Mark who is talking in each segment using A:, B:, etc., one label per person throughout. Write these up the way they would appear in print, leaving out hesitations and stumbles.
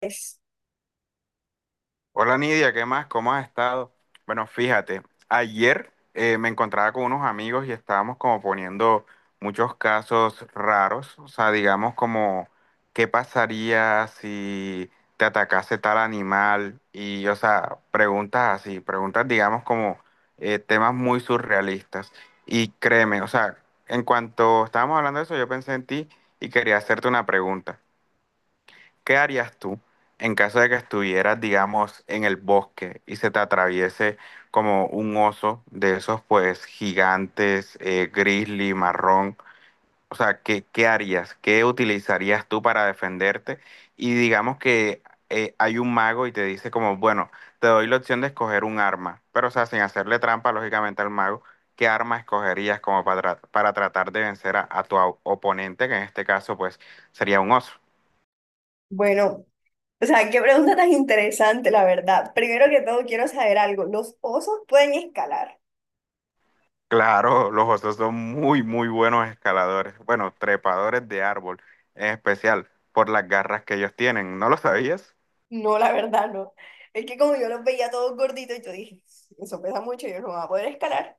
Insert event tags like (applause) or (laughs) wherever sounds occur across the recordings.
A: Es,
B: Hola Nidia, ¿qué más? ¿Cómo has estado? Bueno, fíjate, ayer me encontraba con unos amigos y estábamos como poniendo muchos casos raros, o sea, digamos como qué pasaría si te atacase tal animal y, o sea, preguntas así, preguntas digamos como temas muy surrealistas. Y créeme, o sea, en cuanto estábamos hablando de eso, yo pensé en ti y quería hacerte una pregunta. ¿Qué harías tú en caso de que estuvieras, digamos, en el bosque y se te atraviese como un oso de esos, pues, gigantes, grizzly, marrón? O sea, ¿qué harías? ¿Qué utilizarías tú para defenderte? Y digamos que hay un mago y te dice como, bueno, te doy la opción de escoger un arma, pero, o sea, sin hacerle trampa, lógicamente, al mago. ¿Qué arma escogerías como para, para tratar de vencer a tu oponente, que en este caso, pues, sería un oso?
A: bueno, o sea, qué pregunta tan interesante, la verdad. Primero que todo, quiero saber algo. ¿Los osos pueden escalar?
B: Claro, los osos son muy, muy buenos escaladores, bueno, trepadores de árbol, en especial por las garras que ellos tienen. ¿No lo sabías?
A: No, la verdad, no. Es que como yo los veía todos gorditos, yo dije, "Sí, eso pesa mucho, yo no voy a poder escalar".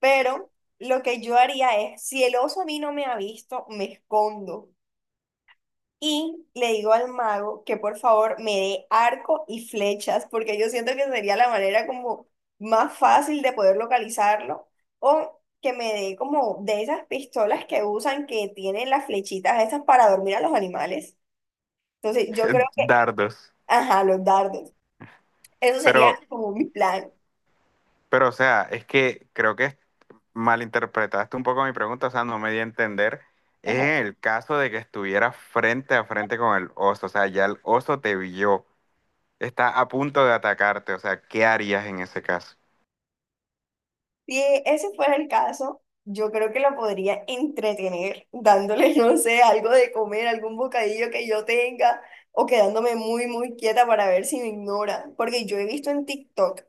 A: Pero lo que yo haría es, si el oso a mí no me ha visto, me escondo. Y le digo al mago que por favor me dé arco y flechas, porque yo siento que sería la manera como más fácil de poder localizarlo, o que me dé como de esas pistolas que usan que tienen las flechitas esas para dormir a los animales. Entonces yo creo
B: (laughs)
A: que,
B: Dardos.
A: ajá, los dardos. Eso sería
B: Pero,
A: como mi plan.
B: pero, o sea, es que creo que malinterpretaste un poco mi pregunta, o sea, no me di a entender. Es en el caso de que estuviera frente a frente con el oso, o sea, ya el oso te vio, está a punto de atacarte, o sea, ¿qué harías en ese caso?
A: Si ese fuera el caso, yo creo que la podría entretener dándole, (laughs) no sé, algo de comer, algún bocadillo que yo tenga o quedándome muy, muy quieta para ver si me ignora. Porque yo he visto en TikTok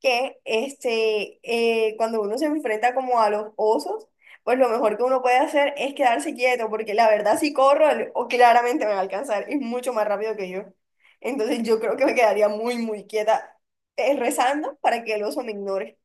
A: que cuando uno se enfrenta como a los osos, pues lo mejor que uno puede hacer es quedarse quieto, porque la verdad si corro, o claramente me va a alcanzar, es mucho más rápido que yo. Entonces yo creo que me quedaría muy, muy quieta, rezando para que el oso me ignore.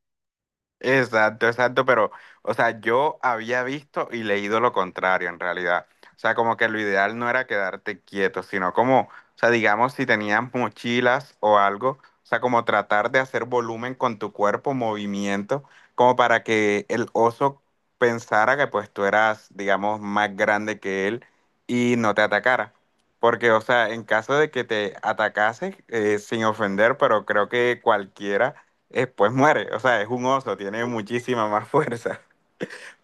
B: Exacto, exacto, pero, o sea, yo había visto y leído lo contrario en realidad. O sea, como que lo ideal no era quedarte quieto, sino como, o sea, digamos, si tenías mochilas o algo, o sea, como tratar de hacer volumen con tu cuerpo, movimiento, como para que el oso pensara que pues tú eras, digamos, más grande que él y no te atacara. Porque, o sea, en caso de que te atacase, sin ofender, pero creo que cualquiera pues muere. O sea, es un oso, tiene muchísima más (laughs) fuerza.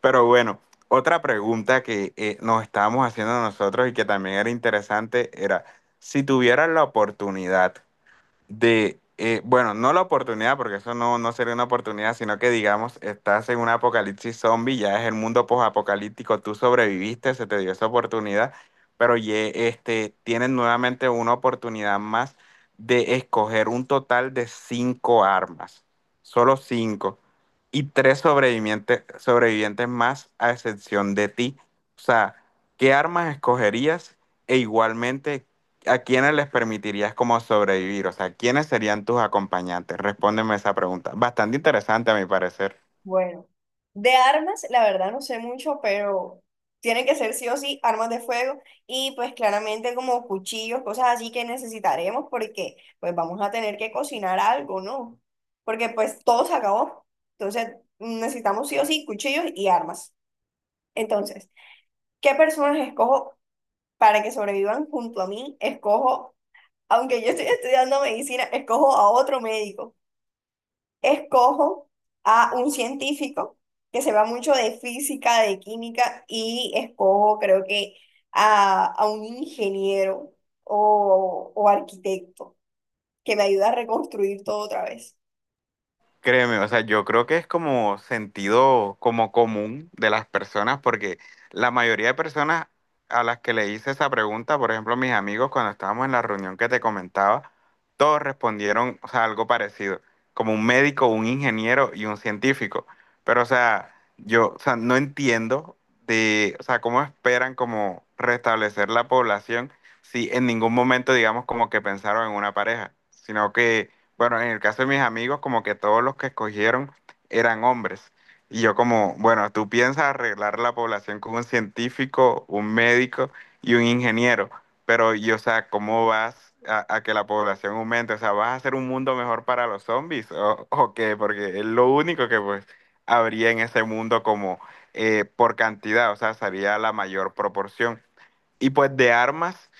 B: Pero bueno, otra pregunta que nos estábamos haciendo nosotros y que también era interesante era, si tuvieras la oportunidad de, bueno, no la oportunidad, porque eso no sería una oportunidad, sino que digamos, estás en un apocalipsis zombie, ya es el mundo posapocalíptico, tú sobreviviste, se te dio esa oportunidad, pero este, tienes nuevamente una oportunidad más de escoger un total de cinco armas, solo cinco, y tres sobrevivientes, sobrevivientes más a excepción de ti. O sea, ¿qué armas escogerías? E igualmente, ¿a quiénes les permitirías como sobrevivir? O sea, ¿quiénes serían tus acompañantes? Respóndeme esa pregunta. Bastante interesante a mi parecer.
A: Bueno, de armas, la verdad no sé mucho, pero tienen que ser sí o sí armas de fuego y pues claramente como cuchillos, cosas así que necesitaremos porque pues vamos a tener que cocinar algo, ¿no? Porque pues todo se acabó. Entonces necesitamos sí o sí cuchillos y armas. Entonces, ¿qué personas escojo para que sobrevivan junto a mí? Escojo, aunque yo estoy estudiando medicina, escojo a otro médico, escojo a un científico que se va mucho de física, de química, y escojo creo que a un ingeniero o arquitecto que me ayuda a reconstruir todo otra vez.
B: Créeme, o sea, yo creo que es como sentido como común de las personas, porque la mayoría de personas a las que le hice esa pregunta, por ejemplo, mis amigos cuando estábamos en la reunión que te comentaba, todos respondieron, o sea, algo parecido, como un médico, un ingeniero y un científico. Pero, o sea, yo, o sea, no entiendo de, o sea, cómo esperan como restablecer la población si en ningún momento, digamos, como que pensaron en una pareja, sino que bueno, en el caso de mis amigos, como que todos los que escogieron eran hombres. Y yo como, bueno, tú piensas arreglar la población con un científico, un médico y un ingeniero, pero yo, o sea, ¿cómo vas a que la población aumente? O sea, ¿vas a hacer un mundo mejor para los zombies o qué? Porque es lo único que pues habría en ese mundo como por cantidad, o sea, sería la mayor proporción. Y pues de armas,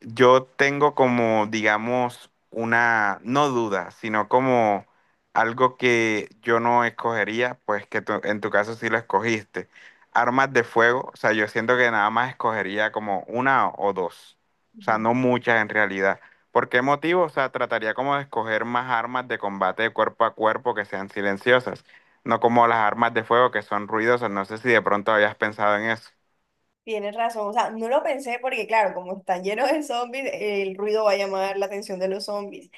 B: yo tengo como, digamos, una, no duda, sino como algo que yo no escogería, pues que en tu caso sí lo escogiste. Armas de fuego, o sea, yo siento que nada más escogería como una o dos, o sea, no muchas en realidad. ¿Por qué motivo? O sea, trataría como de escoger más armas de combate de cuerpo a cuerpo que sean silenciosas, no como las armas de fuego que son ruidosas. No sé si de pronto habías pensado en eso.
A: Tienes razón, o sea, no lo pensé porque claro, como están llenos de zombies, el ruido va a llamar la atención de los zombies.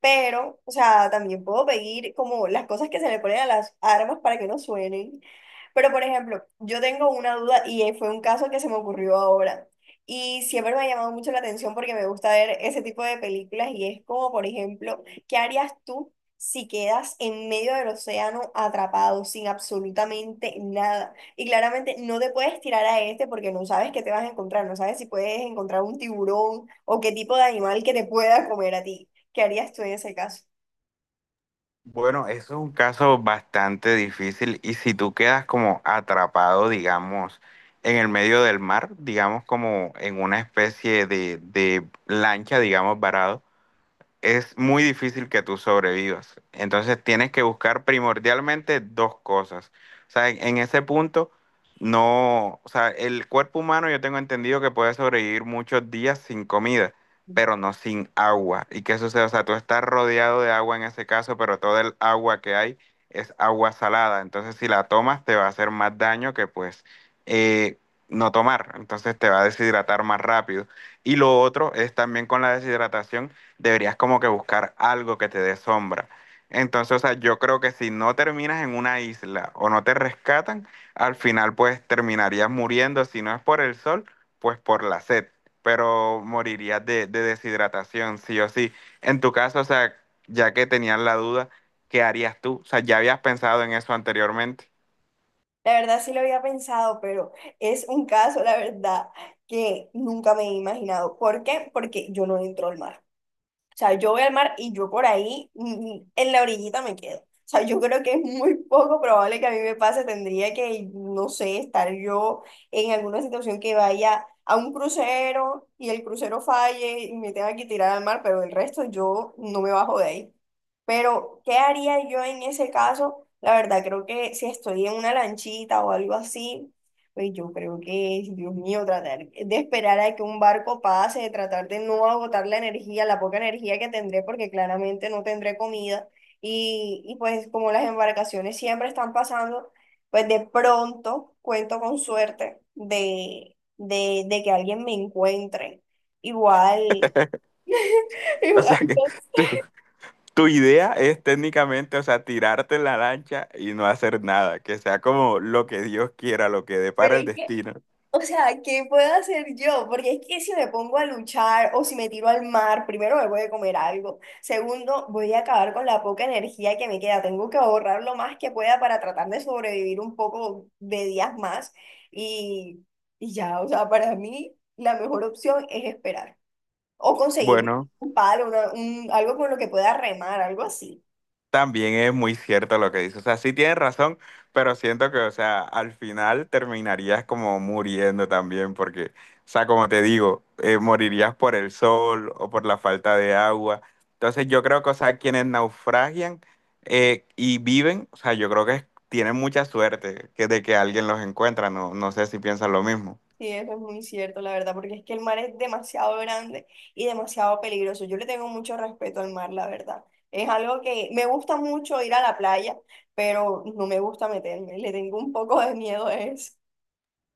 A: Pero, o sea, también puedo pedir como las cosas que se le ponen a las armas para que no suenen. Pero, por ejemplo, yo tengo una duda y fue un caso que se me ocurrió ahora. Y siempre me ha llamado mucho la atención porque me gusta ver ese tipo de películas y es como, por ejemplo, ¿qué harías tú si quedas en medio del océano atrapado sin absolutamente nada? Y claramente no te puedes tirar a este porque no sabes qué te vas a encontrar, no sabes si puedes encontrar un tiburón o qué tipo de animal que te pueda comer a ti. ¿Qué harías tú en ese caso?
B: Bueno, eso es un caso bastante difícil y si tú quedas como atrapado, digamos, en el medio del mar, digamos como en una especie de lancha, digamos, varado es muy difícil que tú sobrevivas. Entonces tienes que buscar primordialmente dos cosas. O sea, en ese punto, no, o sea, el cuerpo humano yo tengo entendido que puede sobrevivir muchos días sin comida, pero no sin agua. ¿Y qué sucede? O sea, tú estás rodeado de agua en ese caso, pero toda el agua que hay es agua salada. Entonces, si la tomas, te va a hacer más daño que pues eh, no tomar. Entonces, te va a deshidratar más rápido. Y lo otro es también con la deshidratación deberías como que buscar algo que te dé sombra. Entonces, o sea, yo creo que si no terminas en una isla o no te rescatan, al final pues terminarías muriendo, si no es por el sol, pues por la sed, pero morirías de deshidratación, sí o sí. En tu caso, o sea, ya que tenías la duda, ¿qué harías tú? O sea, ya habías pensado en eso anteriormente. (laughs)
A: La verdad sí lo había pensado, pero es un caso, la verdad, que nunca me he imaginado. ¿Por qué? Porque yo no entro al mar. O sea, yo voy al mar y yo por ahí, en la orillita me quedo. O sea, yo creo que es muy poco probable que a mí me pase. Tendría que, no sé, estar yo en alguna situación que vaya a un crucero y el crucero falle y me tenga que tirar al mar, pero el resto yo no me bajo de ahí. Pero, ¿qué haría yo en ese caso? La verdad, creo que si estoy en una lanchita o algo así, pues yo creo que, es, Dios mío, tratar de esperar a que un barco pase, de tratar de no agotar la energía, la poca energía que tendré, porque claramente no tendré comida. Y pues como las embarcaciones siempre están pasando, pues de pronto cuento con suerte de que alguien me encuentre. Igual, (laughs)
B: O
A: igual,
B: sea, que
A: no sé,
B: tú, tu idea es técnicamente, o sea, tirarte en la lancha y no hacer nada, que sea como lo que Dios quiera, lo que
A: pero
B: depara el
A: es que
B: destino.
A: o sea, ¿qué puedo hacer yo? Porque es que si me pongo a luchar o si me tiro al mar, primero me voy a comer algo. Segundo, voy a acabar con la poca energía que me queda. Tengo que ahorrar lo más que pueda para tratar de sobrevivir un poco de días más. Y, y ya, o sea, para mí la mejor opción es esperar o conseguir
B: Bueno.
A: un palo, algo con lo que pueda remar, algo así.
B: También es muy cierto lo que dices. O sea, sí tienes razón, pero siento que, o sea, al final terminarías como muriendo también, porque, o sea, como te digo, morirías por el sol o por la falta de agua. Entonces, yo creo que, o sea, quienes naufragian y viven, o sea, yo creo que tienen mucha suerte que de que alguien los encuentra. No, no sé si piensan lo mismo.
A: Sí, eso es muy cierto, la verdad, porque es que el mar es demasiado grande y demasiado peligroso. Yo le tengo mucho respeto al mar, la verdad. Es algo que me gusta mucho ir a la playa, pero no me gusta meterme. Le tengo un poco de miedo a eso.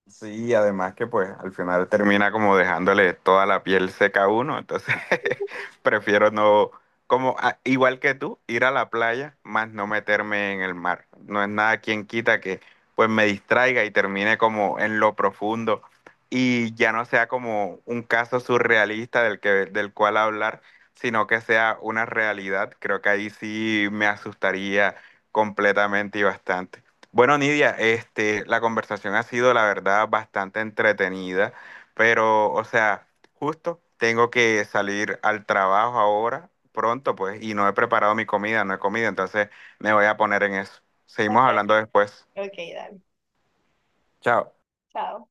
B: Sí, además que pues al final termina como dejándole toda la piel seca a uno, entonces (laughs) prefiero no, como igual que tú, ir a la playa, más no meterme en el mar. No es nada quien quita que pues me distraiga y termine como en lo profundo y ya no sea como un caso surrealista del que, del cual hablar, sino que sea una realidad. Creo que ahí sí me asustaría completamente y bastante. Bueno, Nidia, este, la conversación ha sido, la verdad, bastante entretenida, pero, o sea, justo tengo que salir al trabajo ahora, pronto, pues, y no he preparado mi comida, no he comido, entonces me voy a poner en eso.
A: Ok,
B: Seguimos hablando después.
A: ok, dale.
B: Chao.
A: Chao.